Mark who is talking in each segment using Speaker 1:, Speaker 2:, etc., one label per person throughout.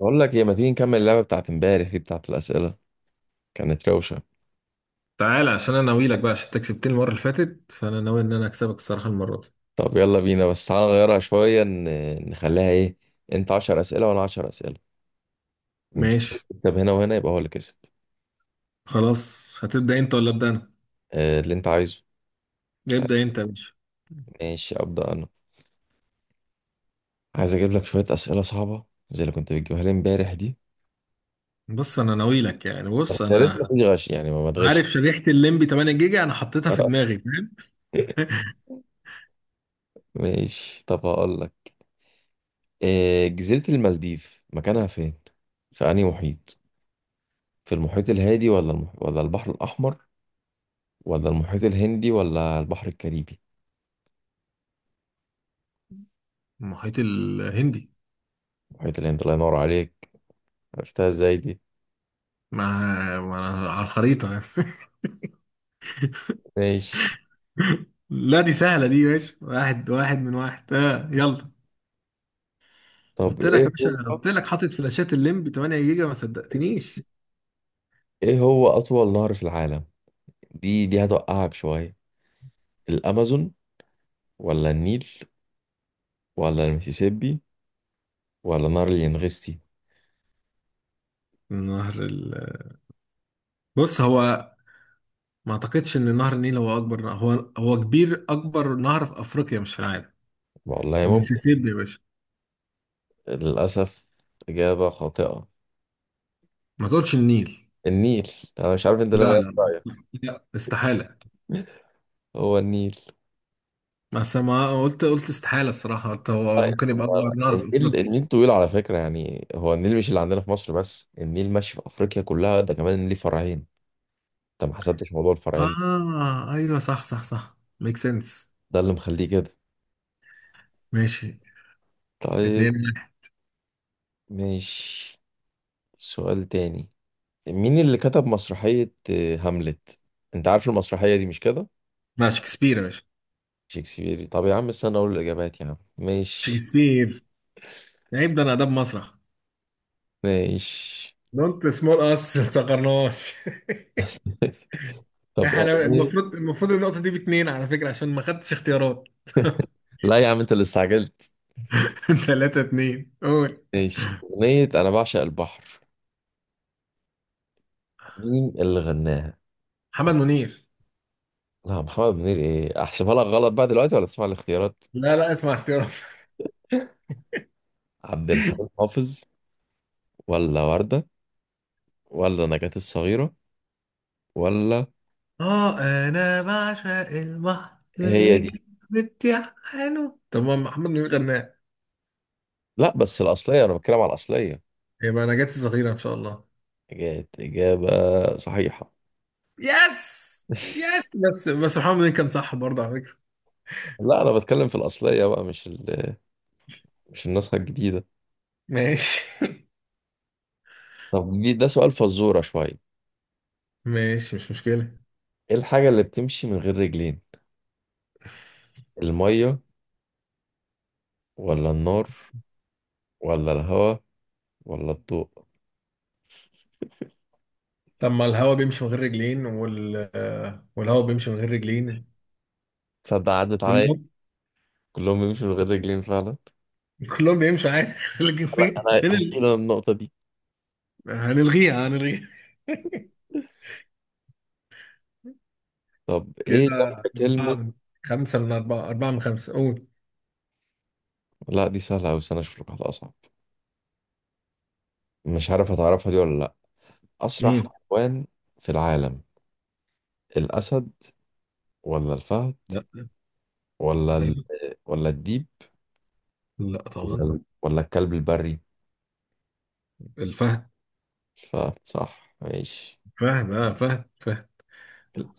Speaker 1: بقول لك ايه، ما تيجي نكمل اللعبه بتاعت امبارح دي بتاعت الاسئله؟ كانت روشه.
Speaker 2: تعالى عشان انا ناوي لك بقى، عشان انت كسبتني المره اللي فاتت، فانا ناوي ان انا اكسبك الصراحه المره دي.
Speaker 1: طب يلا بينا، بس تعالى نغيرها شويه، نخليها ايه، انت 10 اسئله وانا 10 اسئله، ونشوف اللي
Speaker 2: ماشي،
Speaker 1: يكسب هنا، وهنا يبقى هو اللي كسب.
Speaker 2: خلاص. هتبدا انت ولا ابدا انا؟
Speaker 1: اللي انت عايزه. طيب،
Speaker 2: ابدا انت يا باشا.
Speaker 1: ماشي ابدا انا. عايز اجيب لك شويه اسئله صعبه زي اللي كنت بتجيبها لي امبارح دي.
Speaker 2: بص انا ناوي لك يعني،
Speaker 1: بس
Speaker 2: بص
Speaker 1: يا ريت ما
Speaker 2: انا
Speaker 1: فيش غش، يعني ما تغش.
Speaker 2: عارف شريحه الليمبي 8 جيجا انا حطيتها في دماغي، فاهم؟
Speaker 1: ماشي، طب هقول لك. جزيره المالديف مكانها فين؟ في انهي محيط؟ في المحيط الهادي ولا ولا البحر الاحمر، ولا المحيط الهندي، ولا البحر الكاريبي؟
Speaker 2: المحيط الهندي.
Speaker 1: المحيط الهندي، الله ينور عليك. عرفتها ازاي دي؟
Speaker 2: مع على الخريطه يعني.
Speaker 1: ماشي.
Speaker 2: لا دي سهله دي يا باشا، واحد واحد من واحد، آه يلا.
Speaker 1: طب
Speaker 2: قلت لك يا
Speaker 1: ايه
Speaker 2: باشا،
Speaker 1: هو،
Speaker 2: قلت لك حاطط فلاشات الليمبي 8 جيجا، ما صدقتنيش.
Speaker 1: ايه هو اطول نهر في العالم؟ دي هتوقعك شوية. الامازون، ولا النيل، ولا المسيسيبي، ولا نهر الينغستي؟
Speaker 2: نهر ال... بص، هو ما اعتقدش ان نهر النيل هو اكبر نهر. هو كبير، اكبر نهر في افريقيا مش في العالم.
Speaker 1: والله ممكن.
Speaker 2: المسيسيبي يا باشا.
Speaker 1: للاسف، اجابة خاطئة.
Speaker 2: ما تقولش النيل.
Speaker 1: النيل. انا مش عارف انت ليه
Speaker 2: لا،
Speaker 1: غيرت
Speaker 2: لا،
Speaker 1: رايك.
Speaker 2: لا، استحالة.
Speaker 1: هو النيل.
Speaker 2: بس ما قلت استحالة الصراحة، قلت هو
Speaker 1: طيب،
Speaker 2: ممكن يبقى اكبر
Speaker 1: هو
Speaker 2: نهر في
Speaker 1: النيل،
Speaker 2: افريقيا.
Speaker 1: النيل طويل على فكرة، يعني هو النيل مش اللي عندنا في مصر بس، النيل ماشي في أفريقيا كلها، ده كمان ليه فرعين. انت ما حسبتش موضوع الفرعين،
Speaker 2: اه، ايوه، صح صح صح، ميك سنس.
Speaker 1: ده اللي مخليه كده.
Speaker 2: ماشي.
Speaker 1: طيب.
Speaker 2: 2-1.
Speaker 1: ماشي، سؤال تاني. مين اللي كتب مسرحية هاملت؟ انت عارف المسرحية دي مش كده.
Speaker 2: لا، شكسبير يا باشا.
Speaker 1: شكسبيري؟ طب يا عم استنى اقول الاجابات يا عم. ماشي.
Speaker 2: شكسبير. عيب، ده انا اداب مسرح.
Speaker 1: ماشي.
Speaker 2: دونت سمول اس، ما تصغرناش.
Speaker 1: طب
Speaker 2: احنا
Speaker 1: أغنية،
Speaker 2: المفروض النقطة دي باتنين على فكرة، عشان ما خدتش اختيارات.
Speaker 1: لا يا عم انت اللي استعجلت.
Speaker 2: 3 2 قول.
Speaker 1: ماشي، أغنية أنا بعشق البحر، مين اللي غناها؟
Speaker 2: محمد منير.
Speaker 1: لا، محمد منير إيه؟ أحسبها لك غلط بقى دلوقتي ولا تسمع الاختيارات؟
Speaker 2: لا، لا، اسمع اختيارات.
Speaker 1: عبد الحليم حافظ، ولا وردة، ولا نجاة الصغيرة، ولا؟
Speaker 2: اه، انا بعشق البحر
Speaker 1: هي دي.
Speaker 2: زيك. بتحنه، طب ما محمد منير غناه.
Speaker 1: لا بس الأصلية، أنا بتكلم على الأصلية.
Speaker 2: يبقى انا جت صغيرة ان شاء الله.
Speaker 1: كانت إجابة صحيحة.
Speaker 2: يس، يس، بس محمد منير كان صح برضه على فكرة.
Speaker 1: لا أنا بتكلم في الأصلية بقى، مش النسخة الجديدة.
Speaker 2: ماشي.
Speaker 1: طب ده سؤال فزورة شوية.
Speaker 2: ماشي، مش مشكلة.
Speaker 1: إيه الحاجة اللي بتمشي من غير رجلين؟ المية، ولا النار، ولا الهواء، ولا الضوء؟
Speaker 2: طب ما الهوا بيمشي من غير رجلين، والهوا بيمشي من غير رجلين.
Speaker 1: تصدق عدت عليا،
Speaker 2: كلهم.
Speaker 1: كلهم بيمشوا من غير رجلين فعلا.
Speaker 2: كلهم بيمشوا عادي. لكن
Speaker 1: لا
Speaker 2: فين
Speaker 1: أنا
Speaker 2: فين
Speaker 1: هشيل
Speaker 2: ال...
Speaker 1: أنا النقطة دي.
Speaker 2: هنلغيها، هنلغيها.
Speaker 1: طب إيه
Speaker 2: كده.
Speaker 1: جنب
Speaker 2: أربعة
Speaker 1: كلمة؟
Speaker 2: من خمسة، قول.
Speaker 1: لا دي سهلة أوي، استنى أشوف لك واحدة أصعب. مش عارف هتعرفها دي ولا لأ. أسرع
Speaker 2: امم
Speaker 1: حيوان في العالم، الأسد، ولا الفهد،
Speaker 2: لا.
Speaker 1: ولا ال...
Speaker 2: ايوه.
Speaker 1: ولا الديب،
Speaker 2: لا طبعا.
Speaker 1: ولا الكلب البري؟
Speaker 2: الفهد.
Speaker 1: الفهد صح، ماشي.
Speaker 2: فهد، اه، فهد فهد.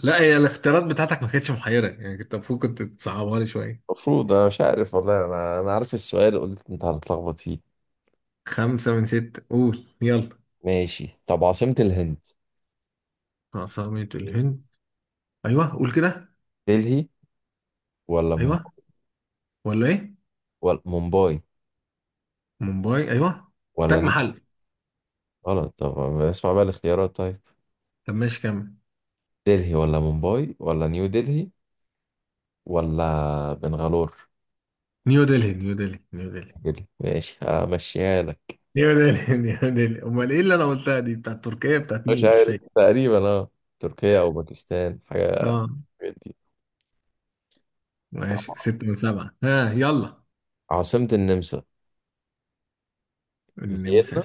Speaker 2: لا، هي الاختيارات بتاعتك ما كانتش محيرة يعني، كنت المفروض كنت تصعبها لي شوية.
Speaker 1: المفروض انا مش عارف والله، انا عارف السؤال قلت انت هتتلخبط فيه.
Speaker 2: خمسة من ستة، قول يلا.
Speaker 1: ماشي. طب عاصمة الهند،
Speaker 2: عاصمة الهند. ايوه، قول كده.
Speaker 1: دلهي، ولا مم...
Speaker 2: ايوه، ولا ايه؟
Speaker 1: ولا مومباي،
Speaker 2: مومباي، ايوه. تاج
Speaker 1: ولا نيو؟
Speaker 2: محل.
Speaker 1: غلط، طب اسمع بقى الاختيارات طيب.
Speaker 2: طب ماشي، كمل.
Speaker 1: دلهي، ولا مومباي، ولا نيو دلهي، ولا بنغالور؟
Speaker 2: نيو دلهي، نيو دلهي، نيو دلهي.
Speaker 1: كده ماشي، همشيها لك.
Speaker 2: نيو دلهي. نيو دلهي. امال ايه اللي انا قلتها دي، بتاعت تركيا، بتاعت
Speaker 1: مش
Speaker 2: مين مش
Speaker 1: عارف
Speaker 2: فاكر.
Speaker 1: تقريبا، اه تركيا او باكستان، حاجة من
Speaker 2: اه.
Speaker 1: الحاجات دي. طب
Speaker 2: ماشي، ستة من سبعة، ها يلا.
Speaker 1: عاصمة النمسا، فيينا؟
Speaker 2: النمسا.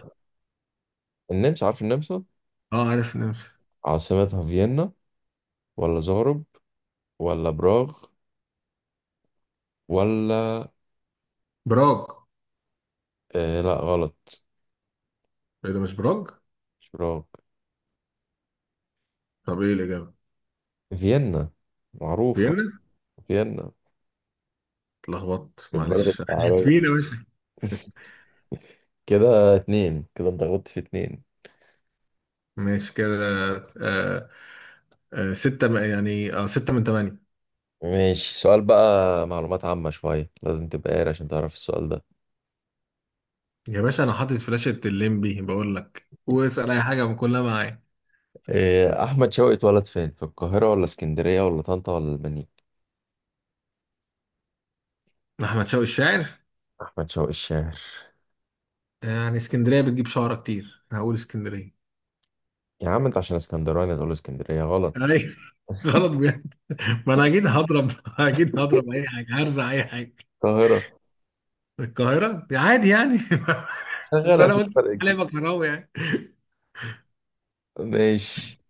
Speaker 1: النمسا، عارف النمسا؟
Speaker 2: اه، عارف النمسا.
Speaker 1: عاصمتها فيينا، ولا زغرب، ولا براغ، ولا؟
Speaker 2: براج.
Speaker 1: لا غلط،
Speaker 2: ايه ده، مش براج؟
Speaker 1: مش براغ.
Speaker 2: طب ايه الإجابة؟
Speaker 1: فيينا، معروفة.
Speaker 2: فيينا.
Speaker 1: فيينا.
Speaker 2: اتلخبطت،
Speaker 1: البلد
Speaker 2: معلش، احنا
Speaker 1: الشعبية.
Speaker 2: اسفين يا باشا. س-
Speaker 1: كده اتنين، كده انت غلطت في اتنين.
Speaker 2: ماشي كده. آه. آه، يعني، ستة من تمانية.
Speaker 1: ماشي، سؤال بقى معلومات عامة شوية، لازم تبقى قاري عشان تعرف السؤال ده.
Speaker 2: يا باشا، أنا حاطط فلاشة الليمبي، بقول لك واسأل أي حاجة من كلها معايا.
Speaker 1: أحمد شوقي اتولد فين؟ في القاهرة، ولا اسكندرية، ولا طنطا، ولا المنيا؟
Speaker 2: أحمد شوقي الشاعر.
Speaker 1: أحمد شوقي الشاعر.
Speaker 2: يعني اسكندرية بتجيب شعرة كتير، أنا هقول اسكندرية.
Speaker 1: يا عم أنت عشان اسكندراني تقول اسكندرية، غلط.
Speaker 2: أيوة، غلط بجد. ما أنا أكيد هضرب، أكيد هضرب أي حاجة، هرزع أي حاجة.
Speaker 1: القاهرة.
Speaker 2: من القاهرة عادي يعني. بس
Speaker 1: شغالة
Speaker 2: أنا
Speaker 1: في
Speaker 2: قلت
Speaker 1: فرق
Speaker 2: علي
Speaker 1: كبير.
Speaker 2: بكراوي يعني.
Speaker 1: ماشي.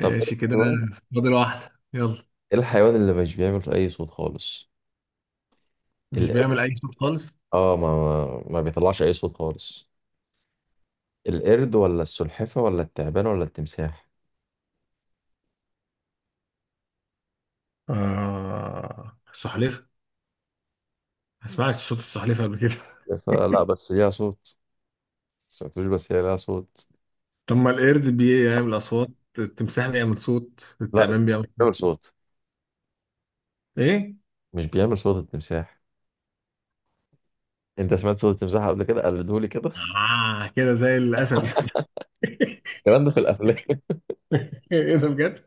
Speaker 1: طب ايه
Speaker 2: كده.
Speaker 1: الحيوان،
Speaker 2: فاضل واحدة، يلا.
Speaker 1: ايه الحيوان اللي مش بيعمل اي صوت خالص؟
Speaker 2: مش
Speaker 1: القرد؟
Speaker 2: بيعمل أي صوت خالص.
Speaker 1: اه، ما بيطلعش اي صوت خالص. القرد، ولا السلحفة، ولا التعبان، ولا التمساح؟
Speaker 2: آه، السلحفاة. ما سمعتش صوت السلحفاة قبل كده.
Speaker 1: السلحفة لا، بس ليها صوت. سمعتوش بس هي ليها صوت.
Speaker 2: طب ما القرد بيعمل أصوات، التمساح بيعمل صوت،
Speaker 1: لا ده
Speaker 2: التعبان بيعمل
Speaker 1: بيعمل
Speaker 2: صوت.
Speaker 1: صوت.
Speaker 2: إيه؟
Speaker 1: مش بيعمل صوت التمساح؟ انت سمعت صوت التمساح قبل كده؟ قلدهولي كده.
Speaker 2: آه، كده زي الأسد.
Speaker 1: الكلام ده في الافلام.
Speaker 2: إيه ده، بجد؟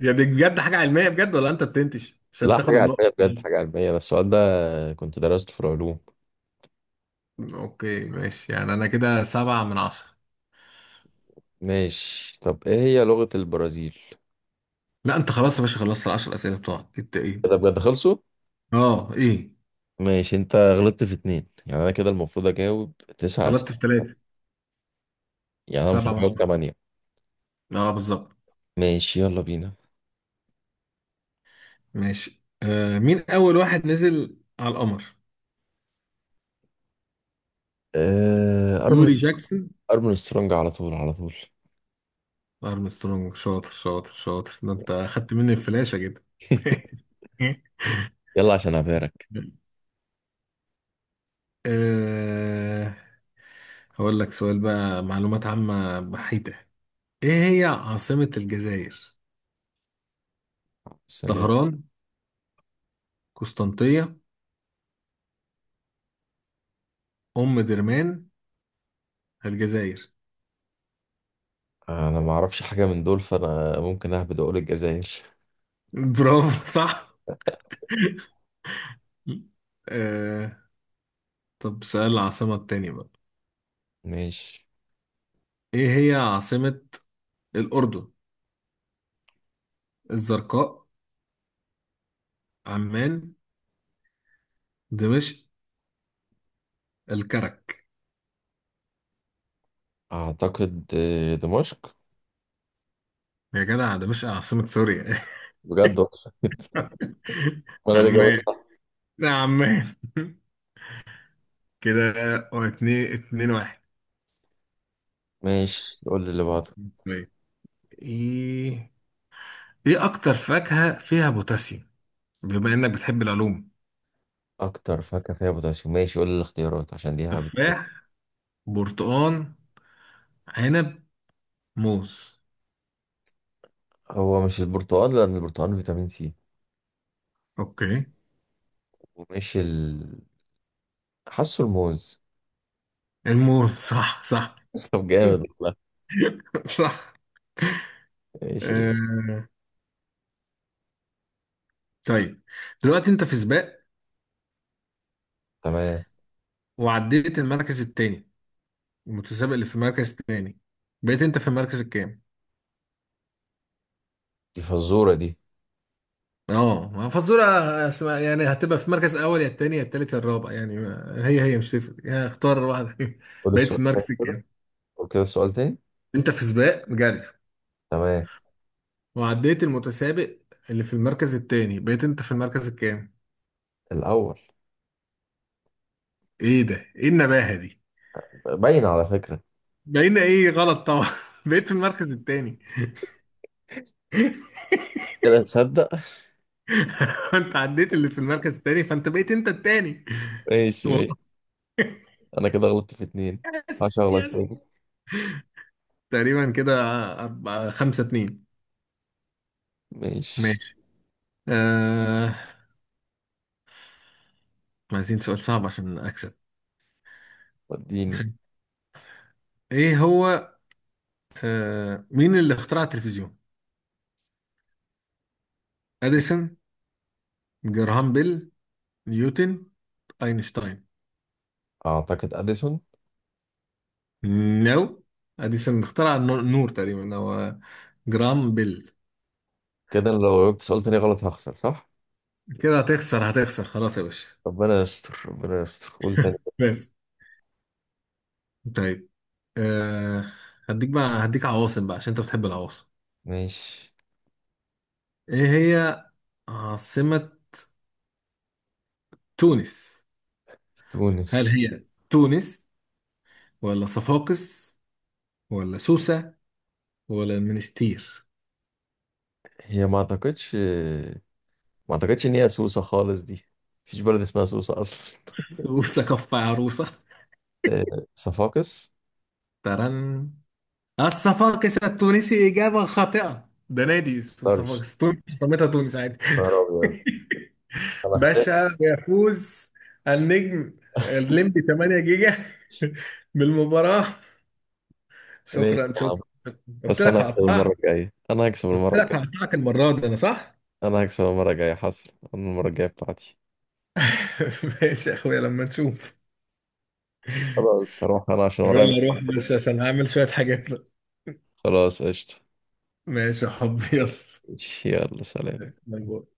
Speaker 2: يعني دي بجد حاجة علمية بجد، ولا أنت بتنتش عشان
Speaker 1: لا،
Speaker 2: تاخد
Speaker 1: حاجة
Speaker 2: النقطة؟
Speaker 1: علمية بجد، حاجة علمية ده السؤال ده، كنت درسته في العلوم.
Speaker 2: اوكي، ماشي، يعني انا كده سبعة من عشرة.
Speaker 1: ماشي. طب ايه هي لغة البرازيل؟
Speaker 2: لا انت خلاص يا باشا، خلصت العشر اسئله بتوعك، انت ايه؟
Speaker 1: إيه ده بجد خلصوا؟
Speaker 2: اه، ايه.
Speaker 1: ماشي، انت غلطت في اتنين يعني انا كده المفروض اجاوب تسعة
Speaker 2: غلطت في
Speaker 1: اسئله،
Speaker 2: ثلاثة.
Speaker 1: يعني انا
Speaker 2: سبعة
Speaker 1: المفروض
Speaker 2: واحد.
Speaker 1: اجاوب تمانية.
Speaker 2: اه، بالظبط.
Speaker 1: ماشي يلا بينا.
Speaker 2: ماشي. مين أول واحد نزل على القمر؟
Speaker 1: ارمن،
Speaker 2: يوري جاكسون.
Speaker 1: ارمن سترونج، على طول على طول.
Speaker 2: أرمسترونج، شاطر شاطر شاطر، ده أنت أخدت مني الفلاشة كده.
Speaker 1: يلا عشان ابارك.
Speaker 2: آه. هقول لك سؤال بقى معلومات عامة بحيتة. إيه هي عاصمة الجزائر؟
Speaker 1: بس انا،
Speaker 2: طهران، قسنطينة، أم درمان، الجزائر.
Speaker 1: أنا ما اعرفش حاجه من دول، فانا ممكن اهبد، اقول الجزائر.
Speaker 2: برافو، صح. آه. طب، سؤال العاصمة التانية بقى.
Speaker 1: ماشي.
Speaker 2: ايه هي عاصمة الأردن؟ الزرقاء، عمان، دمشق، الكرك.
Speaker 1: اعتقد دمشق.
Speaker 2: يا جدع، دمشق عاصمة سوريا.
Speaker 1: بجد والله. انا اللي جاوبت
Speaker 2: عمان،
Speaker 1: صح.
Speaker 2: لا عمان. كده. اتنين واحد.
Speaker 1: ماشي قول لي اللي بعده.
Speaker 2: طيب، ايه ايه أكتر فاكهة فيها بوتاسيوم؟ بما إنك بتحب العلوم.
Speaker 1: اكتر فاكهه فيها بوتاسيوم، ماشي قول لي الاختيارات عشان دي هبد.
Speaker 2: تفاح، برتقان، عنب، موز.
Speaker 1: هو مش البرتقال، لان البرتقال فيتامين سي،
Speaker 2: اوكي،
Speaker 1: ومش ال... حاسه الموز.
Speaker 2: الموز، صح صح.
Speaker 1: بس طب جامد والله.
Speaker 2: صح.
Speaker 1: ايش ال...
Speaker 2: آه، طيب. دلوقتي انت في سباق،
Speaker 1: تمام.
Speaker 2: وعديت المركز التاني، المتسابق اللي في المركز التاني، بقيت انت في المركز الكام؟
Speaker 1: دي فزورة دي؟
Speaker 2: اه، ما فزورة اسمها، يعني هتبقى في المركز الاول يا التاني يا التالت يا الرابع، يعني هي مش تفرق، يعني اختار واحدة فيهم.
Speaker 1: قول
Speaker 2: بقيت
Speaker 1: السؤال
Speaker 2: في
Speaker 1: تاني
Speaker 2: المركز
Speaker 1: كده.
Speaker 2: الكام؟
Speaker 1: قول كده السؤال تاني.
Speaker 2: انت في سباق جري،
Speaker 1: تمام.
Speaker 2: وعديت المتسابق اللي في المركز التاني، بقيت انت في المركز الكام؟
Speaker 1: الأول.
Speaker 2: ايه ده، ايه النباهة دي؟
Speaker 1: باين على فكرة.
Speaker 2: بقينا ايه، غلط طبعا. بقيت في المركز التاني.
Speaker 1: كده تصدق.
Speaker 2: انت عديت اللي في المركز التاني، فانت بقيت انت التاني.
Speaker 1: ماشي ماشي.
Speaker 2: والله.
Speaker 1: أنا كده غلطت في اتنين.
Speaker 2: يس،
Speaker 1: هشغلك
Speaker 2: يس.
Speaker 1: تاني.
Speaker 2: تقريبا كده. أربعة، خمسة اتنين.
Speaker 1: ماشي،
Speaker 2: ماشي. آه. عايزين سؤال صعب عشان أكسب.
Speaker 1: وديني.
Speaker 2: إيه هو؟ مين اللي اخترع التلفزيون؟ أديسون، جراهام بيل، نيوتن، أينشتاين.
Speaker 1: أعتقد أديسون.
Speaker 2: نو. أديسون اخترع النور تقريبا، هو جراهام بيل.
Speaker 1: كده أنا لو جبت سؤال تاني غلط هخسر صح؟
Speaker 2: كده هتخسر، هتخسر خلاص يا باشا.
Speaker 1: ربنا يستر، ربنا يستر، قول تاني.
Speaker 2: بس. طيب. آه. هديك عواصم بقى، عشان أنت بتحب العواصم.
Speaker 1: ماشي.
Speaker 2: إيه هي عاصمة تونس؟ هل
Speaker 1: تونس.
Speaker 2: هي تونس، ولا صفاقس، ولا سوسة، ولا المنستير؟
Speaker 1: هي ما أعتقدش، ما أعتقدش إن هي سوسة خالص دي، مفيش بلد اسمها سوسة أصلا.
Speaker 2: سوسة كف عروسة.
Speaker 1: صفاقس.
Speaker 2: ترن. الصفاقس التونسي، إجابة خاطئة، ده نادي اسمه
Speaker 1: اقدرش.
Speaker 2: صفاقس، تونس سميتها تونس عادي.
Speaker 1: نهار ابيض. انا هكسب.
Speaker 2: باشا يفوز، النجم الليمبي 8 جيجا بالمباراة.
Speaker 1: ماشي
Speaker 2: شكرا
Speaker 1: يا عم،
Speaker 2: شكرا شكرا. قلت
Speaker 1: بس
Speaker 2: لك
Speaker 1: انا هكسب المره
Speaker 2: هقطعك.
Speaker 1: الجايه، انا هكسب
Speaker 2: قلت
Speaker 1: المره
Speaker 2: لك
Speaker 1: الجايه
Speaker 2: هقطعك المرة دي، أنا صح؟
Speaker 1: انا هكسب المره الجايه حصل. انا المره الجايه بتاعتي.
Speaker 2: ماشي يا أخويا، لما نشوف.
Speaker 1: خلاص هروح انا عشان ورايا
Speaker 2: ولا
Speaker 1: مشوار
Speaker 2: اروح،
Speaker 1: كده.
Speaker 2: بس عشان هعمل شوية حاجات بقى.
Speaker 1: خلاص قشطه.
Speaker 2: ماشي يا حبي.
Speaker 1: ماشي، يلا سلام.
Speaker 2: يلا.